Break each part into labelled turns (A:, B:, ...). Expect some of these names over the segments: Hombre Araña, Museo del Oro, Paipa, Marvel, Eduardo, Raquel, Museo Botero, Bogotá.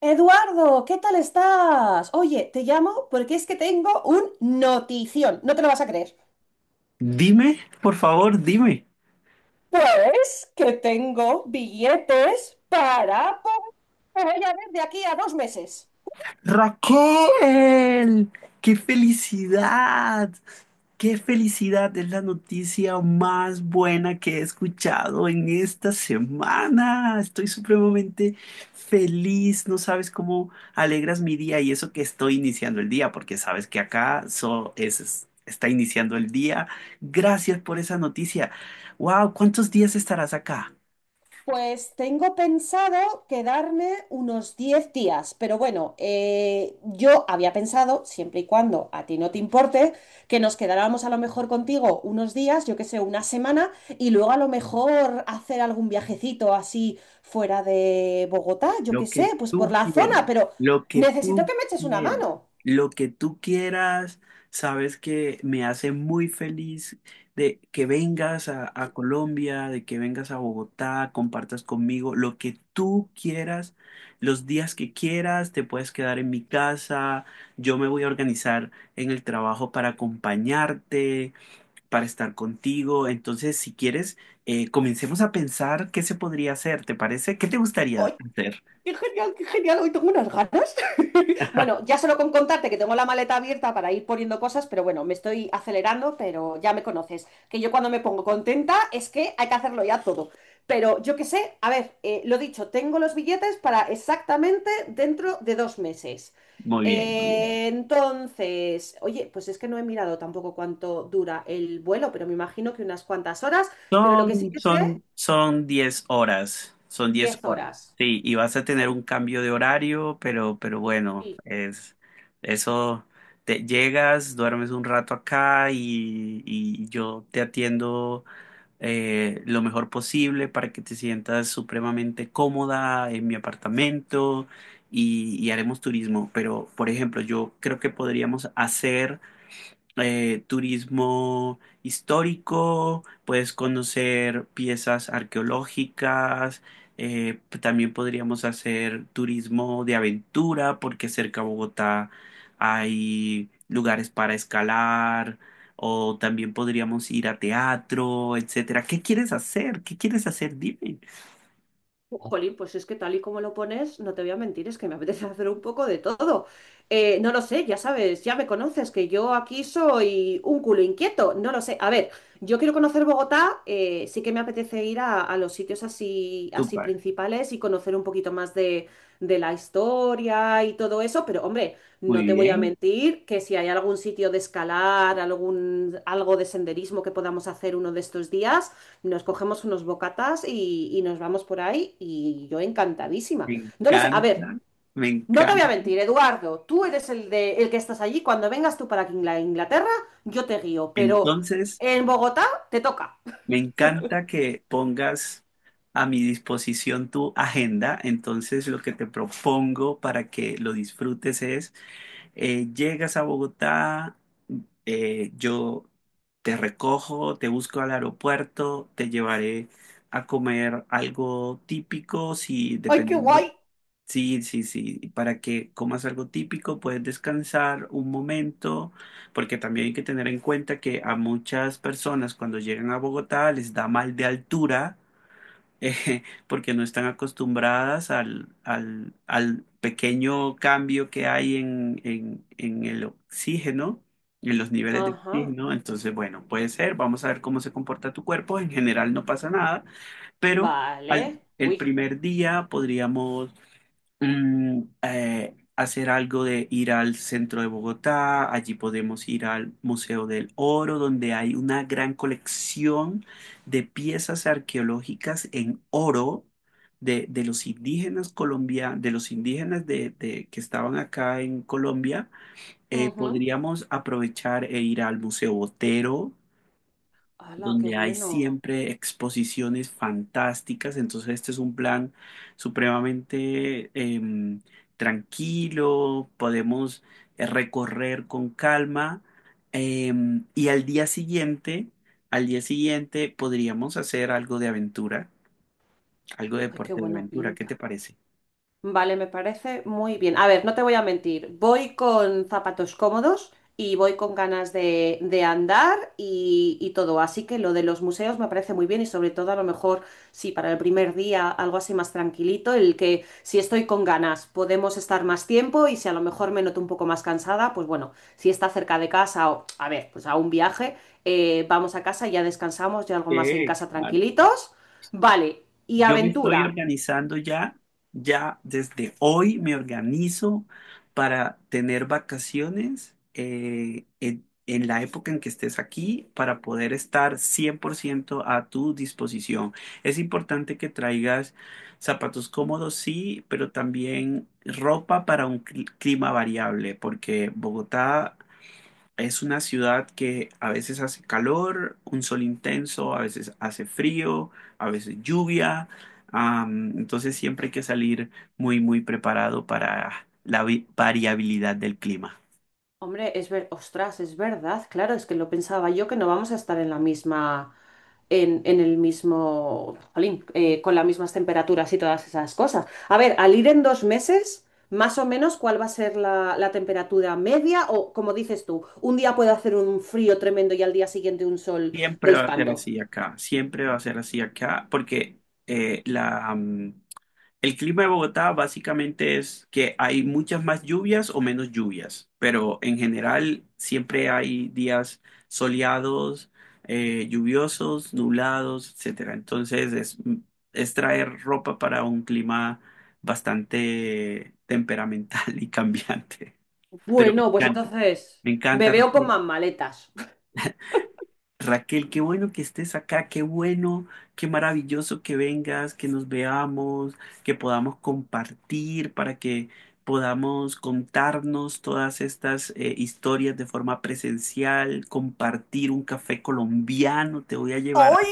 A: Eduardo, ¿qué tal estás? Oye, te llamo porque es que tengo un notición, no te lo vas a creer.
B: Dime, por favor, dime.
A: Pues que tengo billetes que voy a ver de aquí a 2 meses.
B: Raquel, qué felicidad, qué felicidad. Es la noticia más buena que he escuchado en esta semana. Estoy supremamente feliz. No sabes cómo alegras mi día y eso que estoy iniciando el día, porque sabes que acá está iniciando el día. Gracias por esa noticia. Wow, ¿cuántos días estarás acá?
A: Pues tengo pensado quedarme unos 10 días, pero bueno, yo había pensado, siempre y cuando a ti no te importe, que nos quedáramos a lo mejor contigo unos días, yo qué sé, una semana, y luego a lo mejor hacer algún viajecito así fuera de Bogotá, yo
B: Lo
A: qué
B: que
A: sé, pues por
B: tú
A: la
B: quieras,
A: zona, pero
B: lo que
A: necesito
B: tú
A: que me eches una
B: quieras,
A: mano.
B: lo que tú quieras, sabes que me hace muy feliz de que vengas a Colombia, de que vengas a Bogotá, compartas conmigo lo que tú quieras, los días que quieras, te puedes quedar en mi casa, yo me voy a organizar en el trabajo para acompañarte, para estar contigo. Entonces, si quieres, comencemos a pensar qué se podría hacer, ¿te parece? ¿Qué te gustaría hacer?
A: Qué genial, hoy tengo unas ganas. Bueno, ya solo con contarte que tengo la maleta abierta para ir poniendo cosas, pero bueno, me estoy acelerando, pero ya me conoces, que yo cuando me pongo contenta es que hay que hacerlo ya todo. Pero yo qué sé, a ver, lo dicho, tengo los billetes para exactamente dentro de 2 meses.
B: Muy bien, muy bien.
A: Entonces, oye, pues es que no he mirado tampoco cuánto dura el vuelo, pero me imagino que unas cuantas horas, pero lo que sí
B: Son,
A: que sé,
B: son, son 10 horas, son diez
A: 10
B: horas.
A: horas.
B: Sí, y vas a tener un cambio de horario, pero bueno,
A: Sí.
B: es eso, te llegas, duermes un rato acá y yo te atiendo lo mejor posible para que te sientas supremamente cómoda en mi apartamento y haremos turismo. Pero, por ejemplo, yo creo que podríamos hacer turismo histórico, puedes conocer piezas arqueológicas, también podríamos hacer turismo de aventura porque cerca a Bogotá hay lugares para escalar o también podríamos ir a teatro, etcétera. ¿Qué quieres hacer? ¿Qué quieres hacer? Dime.
A: Jolín, pues es que tal y como lo pones, no te voy a mentir, es que me apetece hacer un poco de todo. No lo sé, ya sabes, ya me conoces, que yo aquí soy un culo inquieto, no lo sé. A ver, yo quiero conocer Bogotá, sí que me apetece ir a los sitios así, así
B: Súper,
A: principales y conocer un poquito más de la historia y todo eso, pero hombre,
B: muy
A: no te voy a
B: bien,
A: mentir que si hay algún sitio de escalar, algún, algo de senderismo que podamos hacer uno de estos días. Nos cogemos unos bocatas y nos vamos por ahí y yo
B: me
A: encantadísima. No lo sé, a
B: encanta,
A: ver,
B: me
A: no te voy a
B: encanta.
A: mentir, Eduardo, tú eres el que estás allí, cuando vengas tú para aquí a Inglaterra, yo te guío, pero
B: Entonces.
A: en Bogotá te toca.
B: Me encanta que pongas a mi disposición tu agenda, entonces lo que te propongo para que lo disfrutes es, llegas a Bogotá, yo te recojo, te busco al aeropuerto, te llevaré a comer algo típico, si
A: ¡Ay, qué
B: depende.
A: guay!
B: Sí, sí, sí, y para que comas algo típico, puedes descansar un momento, porque también hay que tener en cuenta que a muchas personas cuando llegan a Bogotá les da mal de altura, porque no están acostumbradas al pequeño cambio que hay en el oxígeno, en los niveles de
A: Ajá,
B: oxígeno. Entonces, bueno, puede ser, vamos a ver cómo se comporta tu cuerpo. En general no pasa nada, pero al,
A: vale,
B: el
A: uy.
B: primer día podríamos hacer algo de ir al centro de Bogotá, allí podemos ir al Museo del Oro, donde hay una gran colección de piezas arqueológicas en oro de los indígenas colombianos, de los indígenas que estaban acá en Colombia.
A: Ujú.
B: Podríamos aprovechar e ir al Museo Botero
A: ¡Hala, qué
B: donde hay
A: bueno!
B: siempre exposiciones fantásticas. Entonces este es un plan supremamente tranquilo, podemos recorrer con calma. Y al día siguiente podríamos hacer algo de aventura, algo de
A: ¡Ay, qué
B: deporte de
A: buena
B: aventura. ¿Qué te
A: pinta!
B: parece?
A: Vale, me parece muy bien. A ver, no te voy a mentir, voy con zapatos cómodos y voy con ganas de andar y todo, así que lo de los museos me parece muy bien y sobre todo a lo mejor, sí, para el primer día algo así más tranquilito, el que si estoy con ganas podemos estar más tiempo y si a lo mejor me noto un poco más cansada, pues bueno, si está cerca de casa o, a ver, pues a un viaje, vamos a casa, ya descansamos, ya algo más en
B: Sí,
A: casa
B: claro.
A: tranquilitos. Vale, y
B: Yo me estoy
A: aventura.
B: organizando ya, ya desde hoy me organizo para tener vacaciones en la época en que estés aquí para poder estar 100% a tu disposición. Es importante que traigas zapatos cómodos, sí, pero también ropa para un clima variable, porque Bogotá es una ciudad que a veces hace calor, un sol intenso, a veces hace frío, a veces lluvia. Entonces, siempre hay que salir muy, muy preparado para la variabilidad del clima.
A: Hombre, es ver, ostras, es verdad, claro, es que lo pensaba yo que no vamos a estar en la misma, en el mismo, jolín, con las mismas temperaturas y todas esas cosas. A ver, al ir en dos meses, más o menos, ¿cuál va a ser la temperatura media? O, como dices tú, un día puede hacer un frío tremendo y al día siguiente un sol de
B: Siempre va a ser
A: espanto.
B: así acá, siempre va a ser así acá, porque eh, la, el clima de Bogotá básicamente es que hay muchas más lluvias o menos lluvias, pero en general siempre hay días soleados, lluviosos, nublados, etcétera. Entonces es traer ropa para un clima bastante temperamental y cambiante, pero me
A: Bueno, pues
B: encanta.
A: entonces
B: Me
A: me
B: encanta.
A: veo con más maletas.
B: Raquel, qué bueno que estés acá, qué bueno, qué maravilloso que vengas, que nos veamos, que podamos compartir para que podamos contarnos todas estas historias de forma presencial, compartir un café colombiano, te voy a llevar.
A: ¡Ay,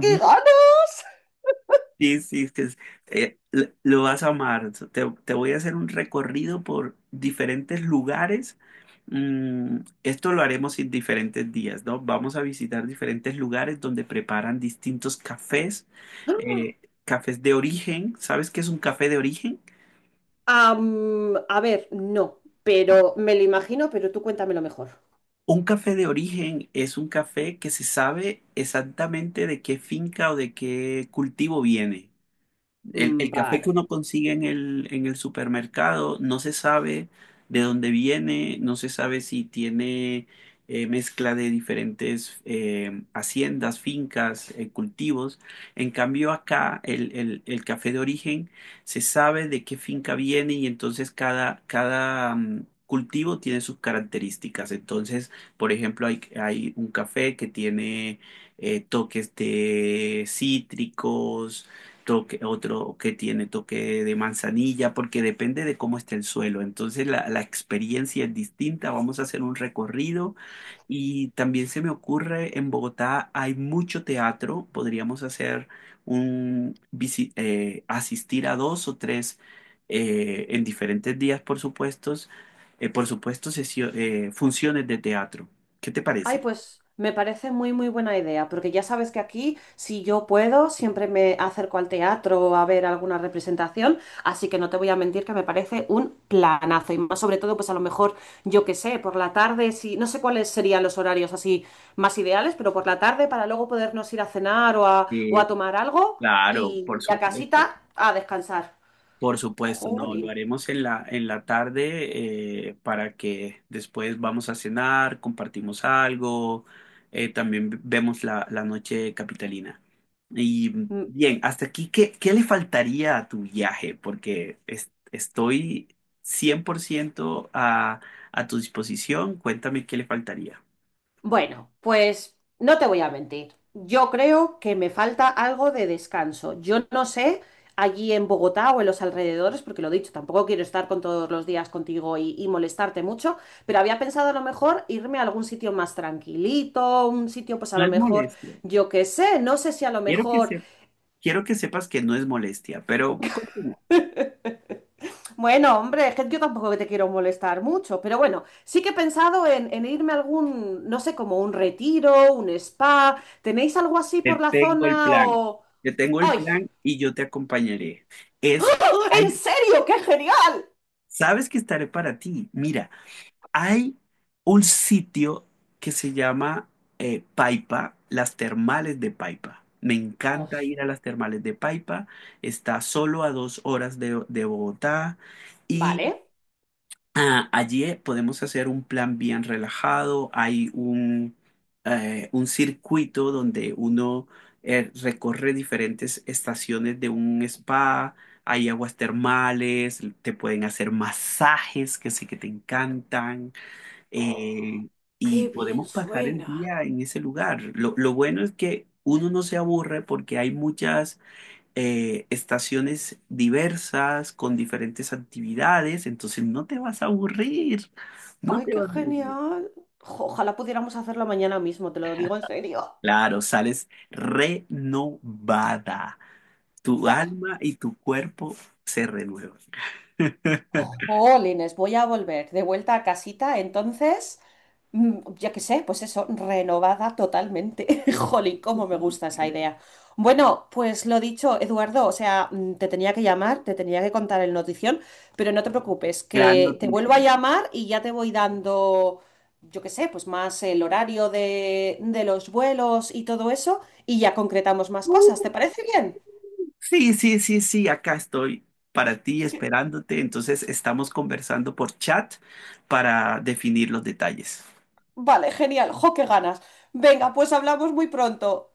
A: qué ganas!
B: Sí, sí, es que es- l- lo vas a amar. Te voy a hacer un recorrido por diferentes lugares. Mm, Esto lo haremos en diferentes días, ¿no? Vamos a visitar diferentes lugares donde preparan distintos cafés, eh, cafés de origen. ¿Sabes qué es un café de origen?
A: Am, a ver, no, pero me lo imagino, pero tú cuéntamelo mejor.
B: Un café de origen es un café que se sabe exactamente de qué finca o de qué cultivo viene. El,
A: Mm,
B: el café que
A: vale.
B: uno consigue en el supermercado no se sabe de dónde viene, no se sabe si tiene mezcla de diferentes haciendas, fincas, cultivos. En cambio acá el café de origen se sabe de qué finca viene y entonces cultivo tiene sus características. Entonces, por ejemplo, hay un café que tiene toques de cítricos otro que tiene toque de manzanilla, porque depende de cómo esté el suelo. Entonces la experiencia es distinta, vamos a hacer un recorrido, y también se me ocurre, en Bogotá hay mucho teatro, podríamos hacer asistir a dos o tres en diferentes días, por supuesto, funciones de teatro. ¿Qué te
A: Ay,
B: parece?
A: pues me parece muy, muy buena idea, porque ya sabes que aquí, si yo puedo, siempre me acerco al teatro a ver alguna representación, así que no te voy a mentir que me parece un planazo, y más sobre todo, pues a lo mejor, yo qué sé, por la tarde, si, no sé cuáles serían los horarios así más ideales, pero por la tarde para luego podernos ir a cenar o o a
B: Sí,
A: tomar algo
B: claro, por
A: y a
B: supuesto.
A: casita a descansar.
B: Por supuesto, no, lo
A: Jolín.
B: haremos en en la tarde para que después vamos a cenar, compartimos algo, también vemos la noche capitalina. Y bien, hasta aquí, ¿qué le faltaría a tu viaje? Porque estoy 100% a tu disposición. Cuéntame qué le faltaría.
A: Bueno, pues no te voy a mentir. Yo creo que me falta algo de descanso. Yo no sé allí en Bogotá o en los alrededores, porque lo dicho, tampoco quiero estar con todos los días contigo y molestarte mucho, pero había pensado a lo mejor irme a algún sitio más tranquilito, un sitio pues a
B: No
A: lo
B: es
A: mejor,
B: molestia.
A: yo qué sé, no sé si a lo
B: Quiero que
A: mejor,
B: se... Quiero que sepas que no es molestia, pero continúa.
A: bueno, hombre, es que yo tampoco te quiero molestar mucho, pero bueno, sí que he pensado en irme a algún, no sé, como un retiro, un spa. ¿Tenéis algo así por
B: Te
A: la
B: tengo el
A: zona
B: plan.
A: o...
B: Te tengo el
A: ¡Ay!
B: plan y yo te acompañaré. Es,
A: ¡Oh! ¿En
B: hay-
A: serio? ¡Qué genial!
B: sabes que estaré para ti. Mira, hay un sitio que se llama Paipa, las termales de Paipa. Me encanta
A: Os-
B: ir a las termales de Paipa. Está solo a 2 horas de Bogotá
A: ¿vale?
B: y allí podemos hacer un plan bien relajado. Hay un circuito donde uno recorre diferentes estaciones de un spa. Hay aguas termales, te pueden hacer masajes que sé que te encantan.
A: Oh,
B: eh,
A: ¡qué
B: y
A: bien
B: podemos pasar el
A: suena!
B: día en ese lugar. Lo bueno es que uno no se aburre porque hay muchas estaciones diversas, con diferentes actividades, entonces no te vas a aburrir, no
A: ¡Ay,
B: te
A: qué
B: vas a aburrir.
A: genial! Jo, ojalá pudiéramos hacerlo mañana mismo, te lo digo en serio.
B: Claro, sales renovada, tu
A: Buah.
B: alma y tu cuerpo se renuevan.
A: Jolines, voy a volver de vuelta a casita, entonces. Mm, yo qué sé, pues eso, renovada totalmente. Jolín, cómo me gusta esa idea. Bueno, pues lo dicho, Eduardo, o sea, mm, te tenía que llamar, te tenía que contar el notición, pero no te preocupes,
B: Gran
A: que te
B: noticia.
A: vuelvo a llamar y ya te voy dando, yo qué sé, pues más el horario de los vuelos y todo eso, y ya concretamos más cosas, ¿te parece bien?
B: Sí, sí, sí, sí, acá estoy para ti esperándote, entonces estamos conversando por chat para definir los detalles.
A: Vale, genial, jo, qué ganas. Venga, pues hablamos muy pronto.